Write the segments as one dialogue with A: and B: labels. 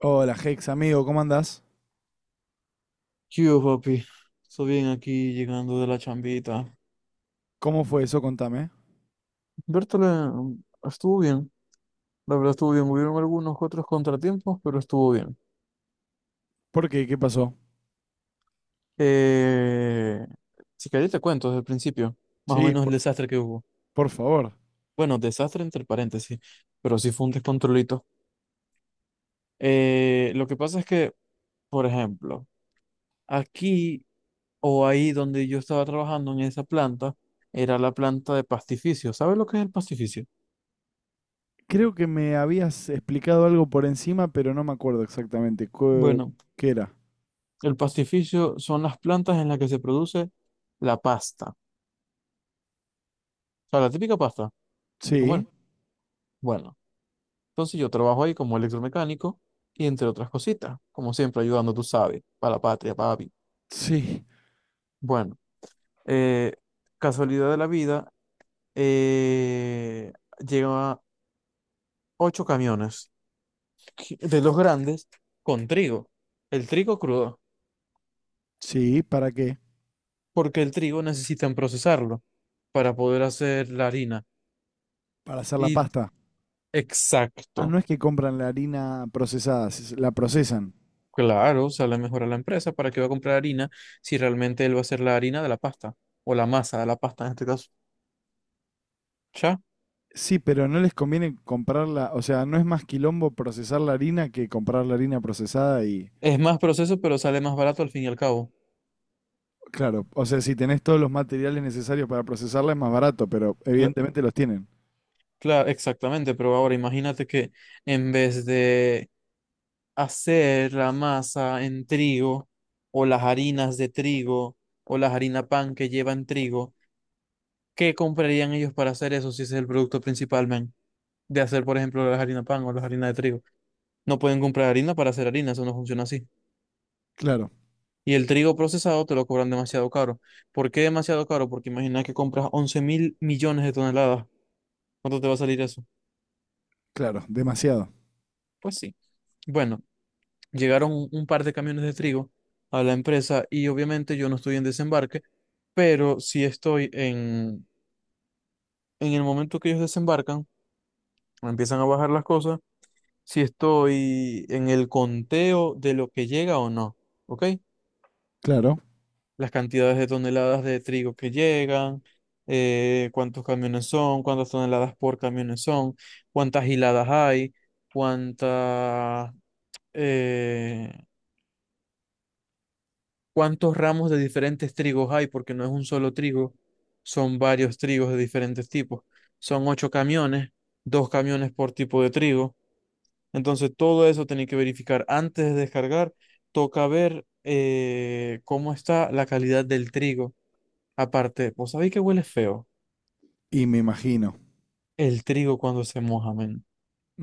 A: Hola, Hex, amigo, ¿cómo andás?
B: ¿Qué hubo, papi? Estoy bien aquí llegando de la chambita.
A: ¿Cómo fue eso? Contame.
B: Bertole estuvo bien, la verdad estuvo bien. Hubieron algunos otros contratiempos, pero estuvo bien.
A: ¿Por qué? ¿Qué pasó?
B: Eh, si querés te cuento desde el principio, más o
A: Sí,
B: menos el desastre que hubo.
A: por favor.
B: Bueno, desastre entre paréntesis, pero sí fue un descontrolito. Lo que pasa es que, por ejemplo, aquí o ahí donde yo estaba trabajando en esa planta, era la planta de pastificio. ¿Sabes lo que es el pastificio?
A: Creo que me habías explicado algo por encima, pero no me acuerdo exactamente. ¿Cu-?
B: Bueno.
A: ¿Qué era?
B: El pastificio son las plantas en las que se produce la pasta. O sea, la típica pasta de
A: Sí,
B: comer. Bueno, entonces yo trabajo ahí como electromecánico y entre otras cositas, como siempre ayudando, tú sabes, para la patria, papi.
A: sí,
B: Bueno, eh, casualidad de la vida, eh, lleva ocho camiones de los grandes con trigo. El trigo crudo,
A: sí, ¿para qué?
B: porque el trigo necesitan procesarlo para poder hacer la harina.
A: Para hacer la
B: Y
A: pasta. Ah,
B: exacto.
A: no es que compran la harina procesada, si se- la procesan.
B: Claro, o sea, le mejora la empresa. ¿Para qué va a comprar harina si realmente él va a hacer la harina de la pasta o la masa de la pasta en este caso? Ya.
A: Sí, pero no les conviene comprarla, o sea, no es más quilombo procesar la harina que comprar la harina procesada y...
B: Es más proceso, pero sale más barato al fin y al cabo.
A: Claro, o sea, si tenés todos los materiales necesarios para procesarla es más barato, pero evidentemente los tienen.
B: Claro, exactamente. Pero ahora imagínate que en vez de hacer la masa en trigo o las harinas de trigo o las harina pan que llevan trigo, ¿qué comprarían ellos para hacer eso si ese es el producto principal, men? De hacer, por ejemplo, las harina pan o las harinas de trigo. No pueden comprar harina para hacer harina, eso no funciona así.
A: Claro,
B: Y el trigo procesado te lo cobran demasiado caro. ¿Por qué demasiado caro? Porque imagina que compras 11.000 millones de toneladas. ¿Cuánto te va a salir eso?
A: claro, demasiado.
B: Pues sí. Bueno, llegaron un par de camiones de trigo a la empresa y obviamente yo no estoy en desembarque, pero si estoy en el momento que ellos desembarcan, empiezan a bajar las cosas, si estoy en el conteo de lo que llega o no. ¿Ok?
A: Claro.
B: Las cantidades de toneladas de trigo que llegan, cuántos camiones son, cuántas toneladas por camiones son, cuántas hiladas hay, cuánta, eh, cuántos ramos de diferentes trigos hay, porque no es un solo trigo, son varios trigos de diferentes tipos. Son ocho camiones, dos camiones por tipo de trigo. Entonces todo eso tenéis que verificar antes de descargar. Toca ver cómo está la calidad del trigo. Aparte, ¿vos sabéis que huele feo?
A: Y me imagino.
B: El trigo cuando se moja, men.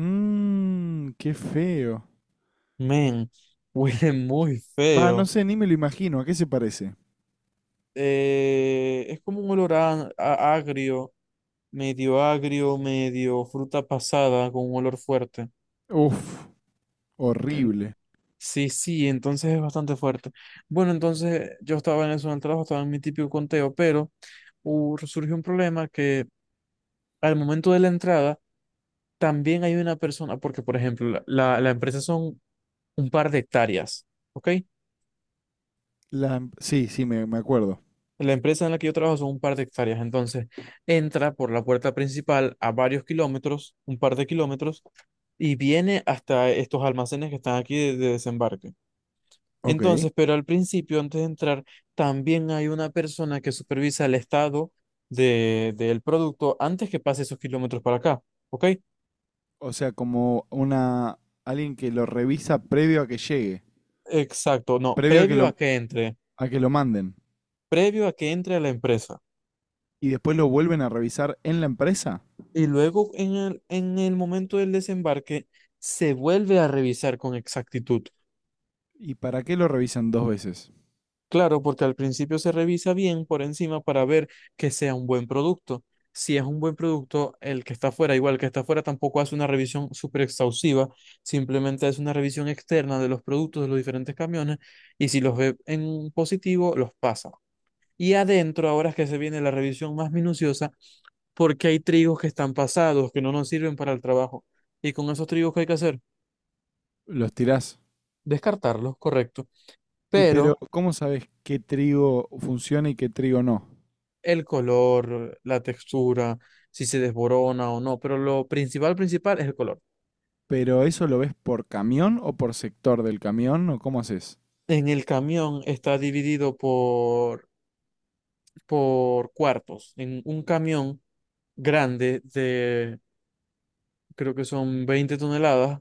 A: Mmm, qué feo.
B: Men, huele muy
A: Ah, no
B: feo.
A: sé, ni me lo imagino. ¿A qué se parece?
B: Es como un olor agrio, medio fruta pasada, con un olor fuerte.
A: Uf,
B: En-
A: horrible.
B: sí, sí, entonces es bastante fuerte. Bueno, entonces yo estaba en eso en el trabajo, estaba en mi típico conteo, pero surgió un problema que al momento de la entrada también hay una persona, porque por ejemplo, la empresa son un par de hectáreas, ¿ok?
A: Sí, sí, me acuerdo.
B: La empresa en la que yo trabajo son un par de hectáreas, entonces entra por la puerta principal a varios kilómetros, un par de kilómetros, y viene hasta estos almacenes que están aquí de desembarque.
A: Ok.
B: Entonces, pero al principio, antes de entrar, también hay una persona que supervisa el estado del producto antes que pase esos kilómetros para acá, ¿ok?
A: O sea, como una alguien que lo revisa previo a que llegue,
B: Exacto, no,
A: previo a que lo manden
B: previo a que entre a la empresa.
A: y después lo vuelven a revisar en la empresa.
B: Y luego en el momento del desembarque, se vuelve a revisar con exactitud.
A: ¿Y para qué lo revisan dos veces?
B: Claro, porque al principio se revisa bien por encima para ver que sea un buen producto. Si es un buen producto, el que está afuera, igual el que está afuera, tampoco hace una revisión súper exhaustiva, simplemente hace una revisión externa de los productos de los diferentes camiones y si los ve en positivo, los pasa. Y adentro, ahora es que se viene la revisión más minuciosa, porque hay trigos que están pasados, que no nos sirven para el trabajo. Y con esos trigos, ¿que hay que hacer?
A: Los tirás.
B: Descartarlos, correcto.
A: Y pero,
B: Pero...
A: ¿cómo sabes qué trigo funciona y qué trigo no?
B: el color, la textura, si se desborona o no, pero lo principal, principal es el color.
A: ¿Pero eso lo ves por camión o por sector del camión o cómo haces?
B: En el camión está dividido por cuartos. En un camión grande de, creo que son 20 toneladas,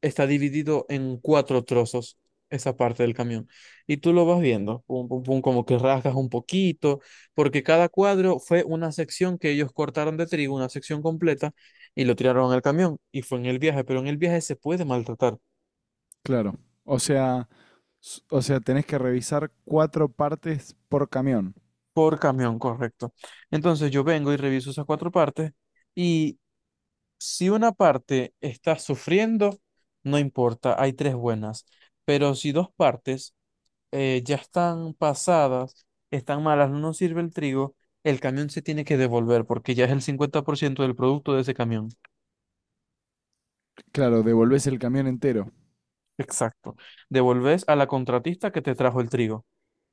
B: está dividido en cuatro trozos esa parte del camión. Y tú lo vas viendo, pum, pum, pum, como que rasgas un poquito, porque cada cuadro fue una sección que ellos cortaron de trigo, una sección completa, y lo tiraron al camión. Y fue en el viaje, pero en el viaje se puede maltratar
A: Claro. O sea, s- o sea, tenés que revisar cuatro partes por camión.
B: por camión, correcto. Entonces yo vengo y reviso esas cuatro partes, y si una parte está sufriendo, no importa, hay tres buenas. Pero si dos partes ya están pasadas, están malas, no nos sirve el trigo, el camión se tiene que devolver porque ya es el 50% del producto de ese camión.
A: Claro, devolvés el camión entero.
B: Exacto. Devolves a la contratista que te trajo el trigo.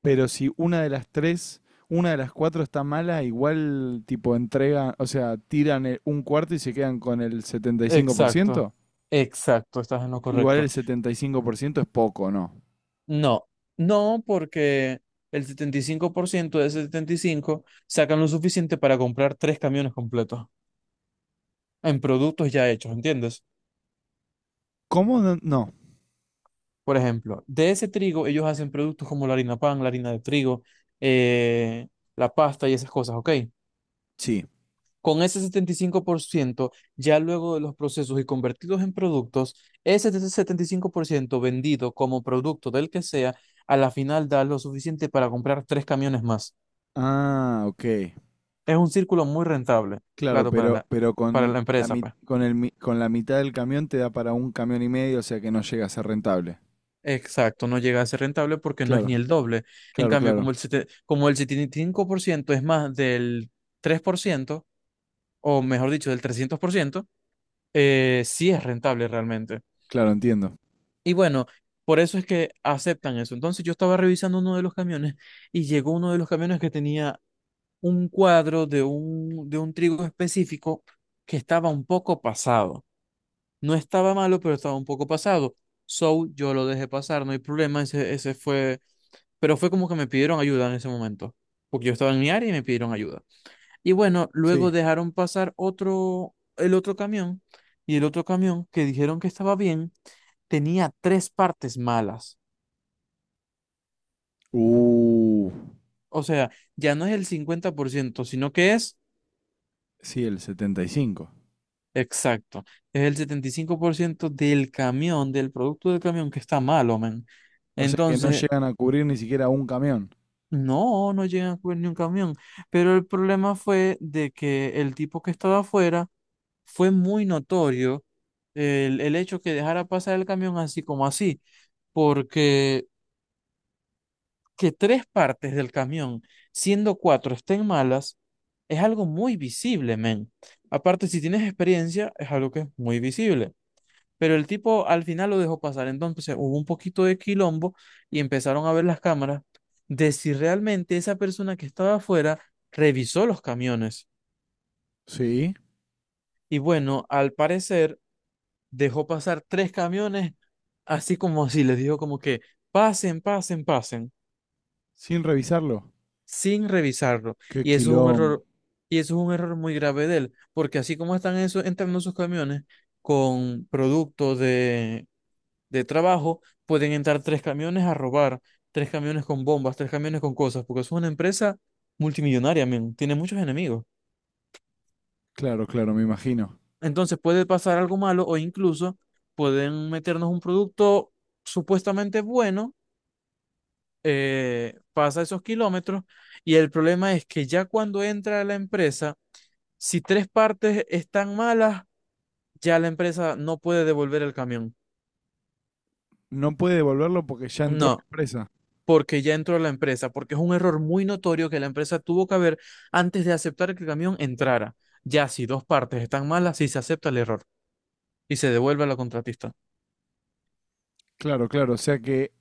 A: Pero si una de las tres, una de las cuatro está mala, igual tipo entrega, o sea, tiran el- un cuarto y se quedan con el
B: Exacto.
A: 75%.
B: Exacto, estás en lo
A: Igual
B: correcto.
A: el 75% es poco, ¿no?
B: No, no porque el 75% de ese 75 sacan lo suficiente para comprar tres camiones completos en productos ya hechos, ¿entiendes?
A: ¿Cómo? No. No.
B: Por ejemplo, de ese trigo ellos hacen productos como la harina pan, la harina de trigo, eh, la pasta y esas cosas, ¿ok?
A: Sí.
B: Con ese 75% ya luego de los procesos y convertidos en productos, ese 75% vendido como producto del que sea, a la final da lo suficiente para comprar tres camiones más.
A: Ah, ok.
B: Es un círculo muy rentable,
A: Claro,
B: claro, para
A: pero, pero
B: para
A: con
B: la empresa, pues.
A: con con la mitad del camión te da para un camión y medio, o sea que no llega a ser rentable.
B: Exacto, no llega a ser rentable porque no es
A: Claro,
B: ni el doble. En
A: claro,
B: cambio,
A: claro,
B: como como el 75% es más del 3% o mejor dicho, del 300%, sí es rentable realmente.
A: claro, entiendo.
B: Y bueno, por eso es que aceptan eso. Entonces yo estaba revisando uno de los camiones y llegó uno de los camiones que tenía un cuadro de un trigo específico que estaba un poco pasado. No estaba malo, pero estaba un poco pasado. So, yo lo dejé pasar, no hay problema, ese fue... Pero fue como que me pidieron ayuda en ese momento, porque yo estaba en mi área y me pidieron ayuda. Y bueno, luego
A: Sí.
B: dejaron pasar otro, el otro camión, y el otro camión que dijeron que estaba bien, tenía tres partes malas.
A: Uh,
B: O sea, ya no es el 50% sino que es
A: sí, el 75.
B: exacto. Es el 75% del camión, del producto del camión que está malo, men.
A: O sea que no
B: Entonces,
A: llegan a cubrir ni siquiera un camión.
B: no, no llegan a coger ni un camión. Pero el problema fue de que el tipo que estaba afuera fue muy notorio el hecho que dejara pasar el camión así como así, porque que tres partes del camión, siendo cuatro, estén malas, es algo muy visible, men. Aparte, si tienes experiencia, es algo que es muy visible. Pero el tipo al final lo dejó pasar. Entonces hubo un poquito de quilombo y empezaron a ver las cámaras de si realmente esa persona que estaba afuera revisó los camiones.
A: Sí.
B: Y bueno, al parecer dejó pasar tres camiones, así como si les dijo como que pasen, pasen, pasen,
A: Sin revisarlo.
B: sin revisarlo.
A: Qué
B: Y eso es un
A: quilombo.
B: error, y eso es un error muy grave de él, porque así como están eso, entrando sus camiones con productos de trabajo, pueden entrar tres camiones a robar, tres camiones con bombas, tres camiones con cosas, porque es una empresa multimillonaria, men, tiene muchos enemigos.
A: Claro, claro, me imagino.
B: Entonces puede pasar algo malo o incluso pueden meternos un producto supuestamente bueno, pasa esos kilómetros y el problema es que ya cuando entra a la empresa, si tres partes están malas, ya la empresa no puede devolver el camión.
A: No puede devolverlo porque ya entró la
B: No,
A: empresa.
B: porque ya entró a la empresa, porque es un error muy notorio que la empresa tuvo que haber antes de aceptar que el camión entrara. Ya si dos partes están malas, sí se acepta el error y se devuelve a la contratista.
A: Claro, claro, o sea que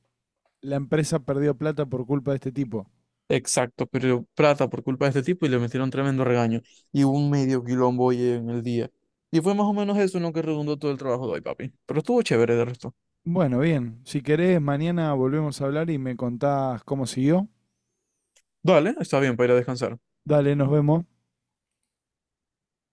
A: la empresa perdió plata por culpa de este tipo.
B: Exacto, pero plata por culpa de este tipo y le metieron tremendo regaño y hubo un medio quilombo hoy en el día. Y fue más o menos eso en lo que redundó todo el trabajo de hoy, papi. Pero estuvo chévere de resto.
A: Bueno, bien. Si querés, mañana volvemos a hablar y me contás cómo siguió.
B: Dale, está bien para ir a descansar.
A: Dale, nos vemos.